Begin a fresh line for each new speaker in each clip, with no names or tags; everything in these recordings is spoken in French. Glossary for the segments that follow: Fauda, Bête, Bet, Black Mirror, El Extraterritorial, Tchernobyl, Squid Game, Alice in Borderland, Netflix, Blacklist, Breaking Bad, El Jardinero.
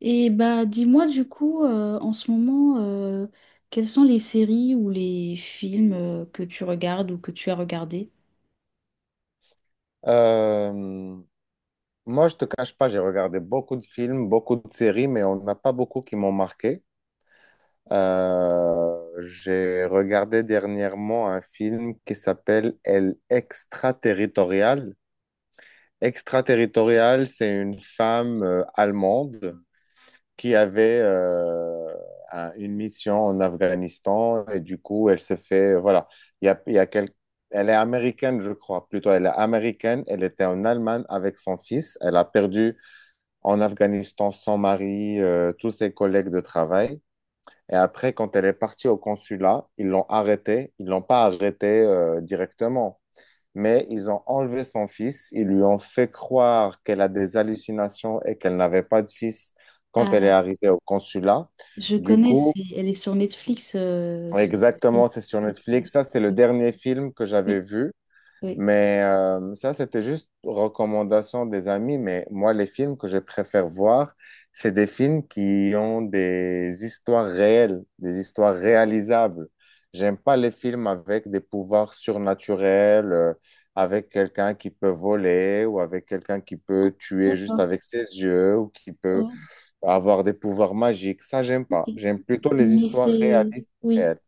Et bah dis-moi du coup en ce moment quelles sont les séries ou les films que tu regardes ou que tu as regardé?
Euh, Moi, je te cache pas, j'ai regardé beaucoup de films, beaucoup de séries, mais on n'a pas beaucoup qui m'ont marqué. J'ai regardé dernièrement un film qui s'appelle El Extraterritorial. Extraterritorial, c'est une femme allemande qui avait une mission en Afghanistan et du coup, elle s'est fait, voilà, il y a elle est américaine, je crois, plutôt, elle est américaine, elle était en Allemagne avec son fils, elle a perdu en Afghanistan son mari, tous ses collègues de travail. Et après, quand elle est partie au consulat, ils l'ont arrêtée. Ils l'ont pas arrêtée directement mais ils ont enlevé son fils, ils lui ont fait croire qu'elle a des hallucinations et qu'elle n'avait pas de fils quand elle est
Ah,
arrivée au consulat.
je
Du
connais,
coup,
elle est sur Netflix.
exactement, c'est sur Netflix. Ça, c'est le dernier film que
Oui,
j'avais vu.
oui.
Mais ça, c'était juste recommandation des amis. Mais moi, les films que je préfère voir, c'est des films qui ont des histoires réelles, des histoires réalisables. J'aime pas les films avec des pouvoirs surnaturels, avec quelqu'un qui peut voler ou avec quelqu'un qui peut tuer juste
D'accord.
avec ses yeux ou qui peut
Ouais,
avoir des pouvoirs magiques. Ça, j'aime
ok.
pas. J'aime plutôt les
Mais
histoires
c'est
réalistes.
oui.
Réelles.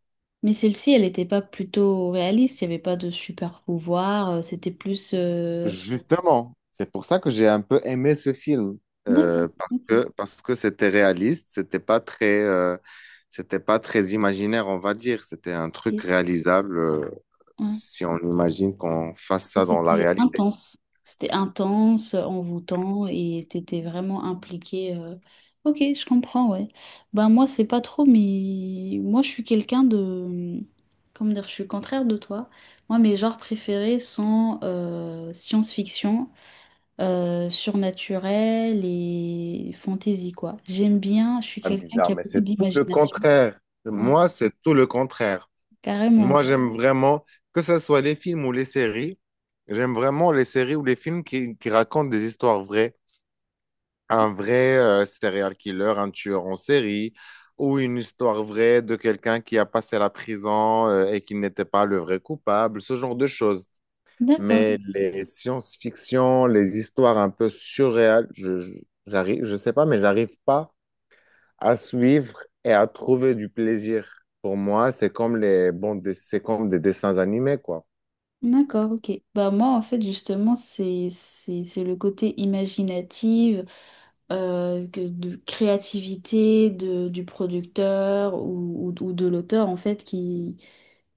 Mais celle-ci, elle n'était pas plutôt réaliste, il n'y avait pas de super pouvoir, c'était plus
Justement, c'est pour ça que j'ai un peu aimé ce film
D'accord,
parce
ok.
que parce que c'était réaliste, c'était pas très imaginaire, on va dire, c'était un truc
Ok.
réalisable
Ouais.
si on imagine qu'on fasse
Et
ça dans la
c'était
réalité.
intense. C'était intense, envoûtant et t'étais vraiment impliqué. Ok, je comprends, ouais. Ben moi, c'est pas trop, mais moi, je suis quelqu'un de... Hmm, comment dire, je suis contraire de toi. Moi, mes genres préférés sont science-fiction, surnaturel et fantasy, quoi. J'aime bien, je suis
Ah,
quelqu'un
bizarre,
qui a
mais
beaucoup
c'est tout le
d'imagination.
contraire.
Ouais,
Moi, c'est tout le contraire.
carrément,
Moi,
ouais.
j'aime vraiment que ce soit les films ou les séries, j'aime vraiment les séries ou les films qui racontent des histoires vraies. Un vrai serial killer, un tueur en série, ou une histoire vraie de quelqu'un qui a passé la prison et qui n'était pas le vrai coupable, ce genre de choses.
D'accord.
Mais les science-fiction, les histoires un peu surréales, j'arrive, je sais pas, mais j'arrive pas à suivre et à trouver du plaisir. Pour moi, c'est comme les bandes, c'est comme des dessins animés, quoi.
D'accord, ok. Bah moi en fait justement c'est le côté imaginatif, de créativité de, du producteur ou de l'auteur en fait qui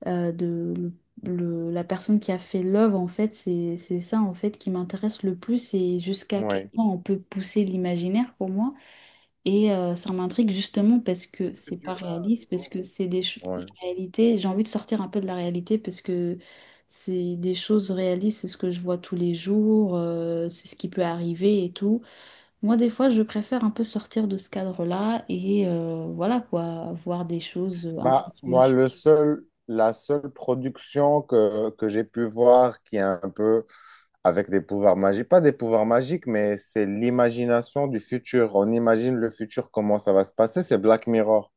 euh, de le- la personne qui a fait l'œuvre en fait c'est ça en fait qui m'intéresse le plus et jusqu'à quel
Ouais,
point on peut pousser l'imaginaire pour moi. Et ça m'intrigue justement parce que c'est pas réaliste, parce que la
ouais.
réalité. J'ai envie de sortir un peu de la réalité parce que c'est des choses réalistes, c'est ce que je vois tous les jours, c'est ce qui peut arriver et tout. Moi, des fois, je préfère un peu sortir de ce cadre-là et voilà quoi, voir des choses un peu
Bah, moi,
surnaturelles.
la seule production que j'ai pu voir qui est un peu avec des pouvoirs magiques, pas des pouvoirs magiques, mais c'est l'imagination du futur. On imagine le futur, comment ça va se passer, c'est Black Mirror.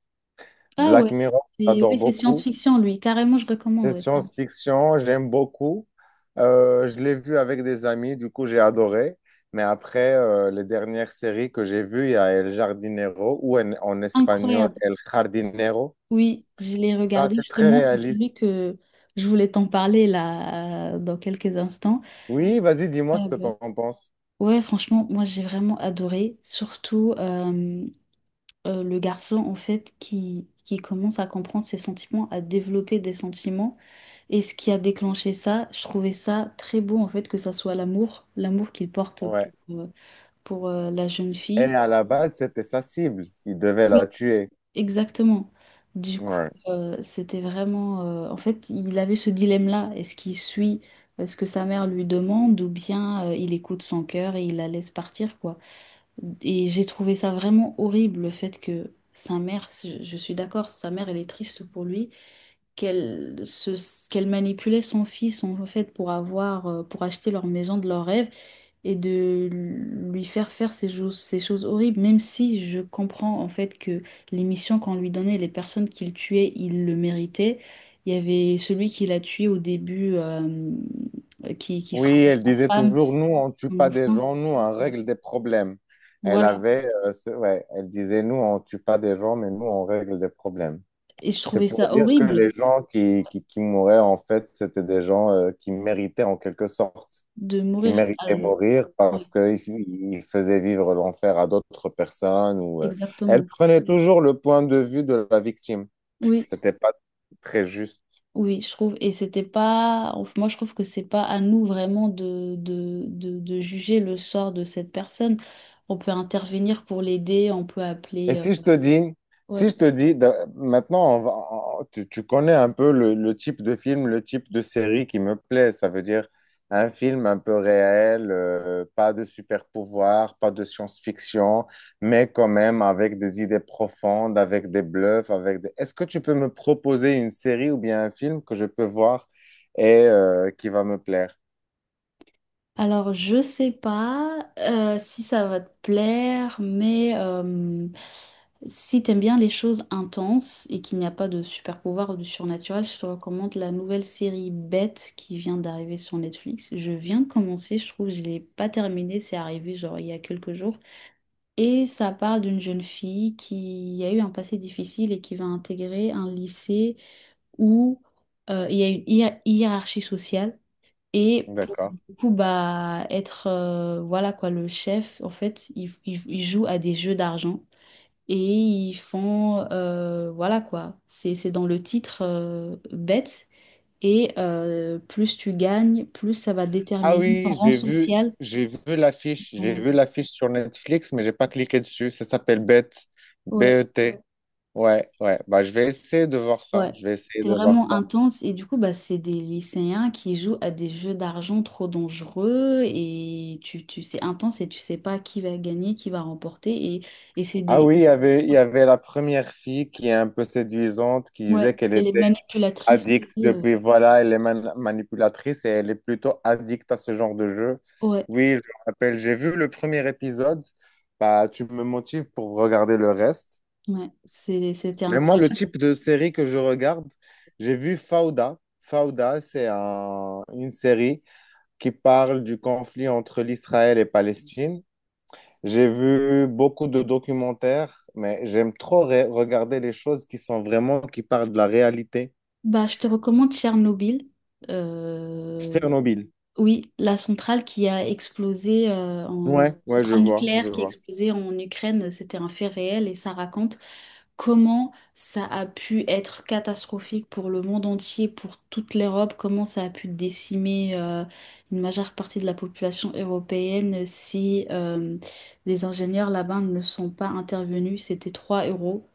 Ah ouais,
Black Mirror,
c'est
j'adore
oui, c'est
beaucoup.
science-fiction lui, carrément, je recommande.
C'est
Ouais. C'est
science-fiction, j'aime beaucoup. Je l'ai vu avec des amis, du coup, j'ai adoré. Mais après, les dernières séries que j'ai vues, il y a El Jardinero ou en espagnol
incroyable.
El Jardinero.
Oui, je l'ai
Ça,
regardé
c'est très
justement, c'est
réaliste.
celui que je voulais t'en parler là dans quelques instants.
Oui, vas-y, dis-moi ce que
Incroyable. Ouais,
t'en penses.
ouais, franchement, moi j'ai vraiment adoré, surtout le garçon en fait qui commence à comprendre ses sentiments, à développer des sentiments. Et ce qui a déclenché ça, je trouvais ça très beau en fait, que ça soit l'amour, l'amour qu'il porte
Ouais.
pour, euh, pour, la jeune fille.
Elle, à la base, c'était sa cible. Il devait la
Oui.
tuer.
Exactement. Du coup,
Ouais.
c'était vraiment... en fait, il avait ce dilemme-là. Est-ce qu'il suit ce que sa mère lui demande ou bien il écoute son cœur et il la laisse partir, quoi? Et j'ai trouvé ça vraiment horrible, le fait que sa mère, je suis d'accord, sa mère, elle est triste pour lui, qu'elle manipulait son fils en fait pour avoir, pour acheter leur maison de leur rêve et de lui faire faire ces choses horribles, même si je comprends en fait que les missions qu'on lui donnait, les personnes qu'il tuait, il le méritait. Il y avait celui qui l'a tué au début, qui
Oui,
frappait
elle
sa
disait
femme,
toujours, nous, on ne tue
son
pas des
enfant.
gens, nous, on règle des problèmes. Elle
Voilà.
avait, ouais, elle disait, nous, on ne tue pas des gens, mais nous, on règle des problèmes.
Et je
C'est
trouvais
pour
ça
dire que les
horrible.
gens qui mouraient, en fait, c'était des gens qui méritaient en quelque sorte,
De
qui
mourir.
méritaient mourir
Ouais,
parce qu'ils faisaient vivre l'enfer à d'autres personnes. Elle
exactement.
prenait toujours le point de vue de la victime.
Oui,
C'était pas très juste.
oui, je trouve. Et c'était pas. Moi, je trouve que c'est pas à nous vraiment de, juger le sort de cette personne. On peut intervenir pour l'aider, on peut
Et
appeler.
si je te dis, si je
Ouais.
te dis, maintenant, tu connais un peu le type de film, le type de série qui me plaît. Ça veut dire un film un peu réel, pas de super pouvoir, pas de science-fiction, mais quand même avec des idées profondes, avec des bluffs, avec des... Est-ce que tu peux me proposer une série ou bien un film que je peux voir et qui va me plaire?
Alors, je sais pas si ça va te plaire, mais si t'aimes bien les choses intenses et qu'il n'y a pas de super pouvoir ou de surnaturel, je te recommande la nouvelle série Bête qui vient d'arriver sur Netflix. Je viens de commencer, je trouve que je l'ai pas terminée, c'est arrivé genre il y a quelques jours. Et ça parle d'une jeune fille qui a eu un passé difficile et qui va intégrer un lycée où il y a une hiérarchie sociale. Et pour
D'accord.
du coup bah être voilà quoi le chef en fait il joue à des jeux d'argent et ils font voilà quoi c'est dans le titre bête et plus tu gagnes plus ça va
Ah
déterminer ton
oui,
rang social.
j'ai vu l'affiche sur Netflix, mais j'ai pas cliqué dessus. Ça s'appelle Bet,
Ouais,
BET. Ouais, ouais. Bah, je vais essayer de voir ça.
ouais,
Je vais essayer
c'est
de voir
vraiment
ça.
intense et du coup bah c'est des lycéens qui jouent à des jeux d'argent trop dangereux et tu c'est intense et tu sais pas qui va gagner qui va remporter et c'est
Ah
des
oui, il y avait la première fille qui est un peu séduisante, qui
ouais,
disait qu'elle
et les
était
manipulatrices
addicte
aussi.
depuis, voilà, elle est manipulatrice et elle est plutôt addicte à ce genre de jeu.
Ouais,
Oui, je me rappelle. J'ai vu le premier épisode. Bah, tu me motives pour regarder le reste.
ouais, c'était
Mais moi, le
incroyable.
type de série que je regarde, j'ai vu Fauda. Fauda, c'est une série qui parle du conflit entre l'Israël et Palestine. J'ai vu beaucoup de documentaires, mais j'aime trop regarder les choses qui sont vraiment, qui parlent de la réalité.
Bah, je te recommande Tchernobyl. Euh,
Tchernobyl.
oui, la centrale qui a explosé en
Ouais, ouais, je
centrale
vois, je
nucléaire qui a
vois.
explosé en Ukraine, c'était un fait réel et ça raconte comment ça a pu être catastrophique pour le monde entier, pour toute l'Europe, comment ça a pu décimer une majeure partie de la population européenne si les ingénieurs là-bas ne sont pas intervenus. C'était 3 héros.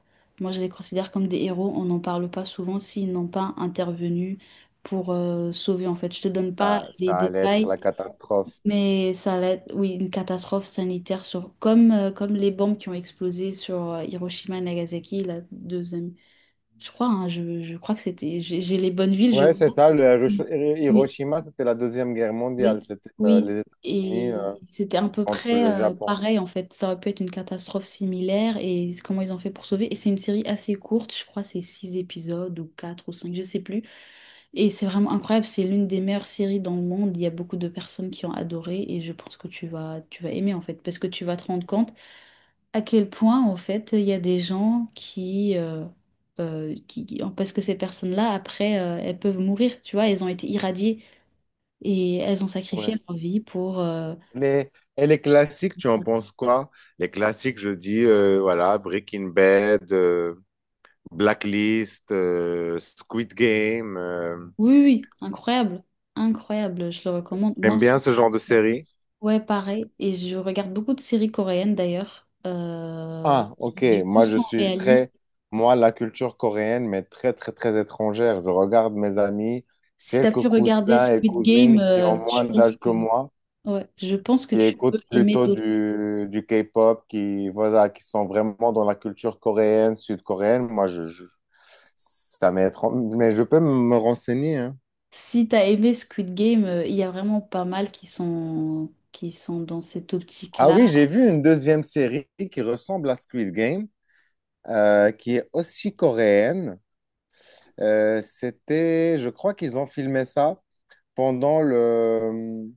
Moi, je les considère comme des héros. On n'en parle pas souvent s'ils n'ont pas intervenu pour sauver, en fait. Je te donne pas
Ça,
les
ça allait être
détails.
la catastrophe.
Mais ça allait être, oui, une catastrophe sanitaire sur, comme, comme les bombes qui ont explosé sur Hiroshima et Nagasaki, la deuxième. Je crois, hein, je crois que c'était. J'ai les bonnes villes, je
Ouais, c'est
crois.
ça.
Oui.
Hiroshima, c'était la Deuxième Guerre mondiale.
Oui,
C'était
oui.
les États-Unis
Et c'était à peu
contre
près
le Japon.
pareil en fait. Ça aurait pu être une catastrophe similaire et c'est comment ils ont fait pour sauver. Et c'est une série assez courte, je crois c'est 6 épisodes ou quatre ou cinq, je sais plus. Et c'est vraiment incroyable, c'est l'une des meilleures séries dans le monde. Il y a beaucoup de personnes qui ont adoré et je pense que tu vas aimer en fait parce que tu vas te rendre compte à quel point en fait il y a des gens qui, parce que ces personnes-là après elles peuvent mourir, tu vois, elles ont été irradiées. Et elles ont sacrifié
Ouais.
leur vie pour...
Les, et les classiques, tu en penses quoi? Les classiques, je dis, voilà, Breaking Bad, Blacklist, Squid Game.
Oui, oui, incroyable. Incroyable, je le recommande. Moi,
T'aimes bien ce genre de
je-
série?
ouais, pareil. Et je regarde beaucoup de séries coréennes d'ailleurs,
Ah, ok.
qui du coup sont réalistes.
Moi, la culture coréenne, mais très, très, très étrangère. Je regarde mes amis,
Si tu as
quelques
pu regarder
cousins et
Squid Game,
cousines qui ont
je
moins
pense
d'âge que
que...
moi,
Ouais, je pense que
qui
tu peux
écoutent
aimer
plutôt
d'autres.
du K-pop, qui, voilà, qui sont vraiment dans la culture coréenne, sud-coréenne. Moi, ça m'est étrange, mais je peux me renseigner, hein.
Si tu as aimé Squid Game, il y a vraiment pas mal qui sont dans cette
Ah
optique-là.
oui, j'ai vu une deuxième série qui ressemble à Squid Game, qui est aussi coréenne. C'était, je crois qu'ils ont filmé ça pendant le,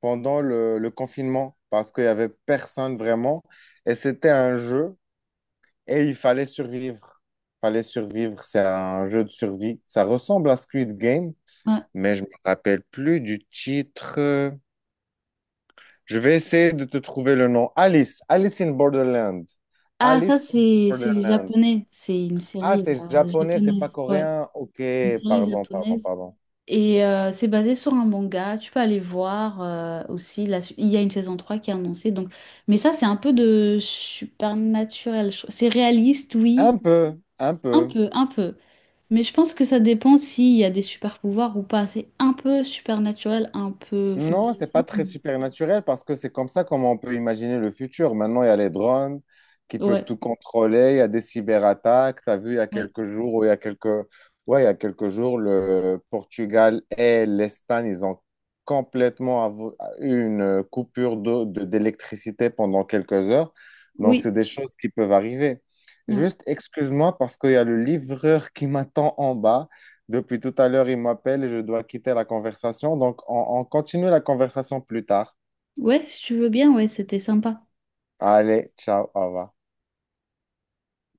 le confinement parce qu'il n'y avait personne vraiment. Et c'était un jeu. Et il fallait survivre. Fallait survivre. C'est un jeu de survie. Ça ressemble à Squid Game,
Ouais.
mais je me rappelle plus du titre. Je vais essayer de te trouver le nom. Alice. Alice in Borderland.
Ah, ça,
Alice in
c'est les
Borderland.
Japonais. C'est une
Ah,
série
c'est japonais, c'est pas
japonaise. Ouais,
coréen. Ok,
une série
pardon, pardon,
japonaise.
pardon.
Et c'est basé sur un manga. Tu peux aller voir aussi. Il y a une saison 3 qui est annoncée. Donc... Mais ça, c'est un peu de supernaturel. C'est réaliste, oui.
Un peu, un
Un
peu.
peu, un peu. Mais je pense que ça dépend s'il y a des super pouvoirs ou pas. C'est un peu supernaturel, un peu
Non, c'est pas
fantasy.
très supernaturel parce que c'est comme ça comme on peut imaginer le futur. Maintenant, il y a les drones qui peuvent
Ouais,
tout contrôler, il y a des cyberattaques. Tu as vu il y a
ouais.
quelques jours ou il y a quelques ouais, il y a quelques jours le Portugal et l'Espagne, ils ont complètement eu une coupure d'électricité pendant quelques heures. Donc,
Oui,
c'est des choses qui peuvent arriver.
ouais.
Juste, excuse-moi parce qu'il y a le livreur qui m'attend en bas. Depuis tout à l'heure, il m'appelle et je dois quitter la conversation. Donc, on continue la conversation plus tard.
Ouais, si tu veux bien, ouais, c'était sympa.
Allez, ciao, au revoir.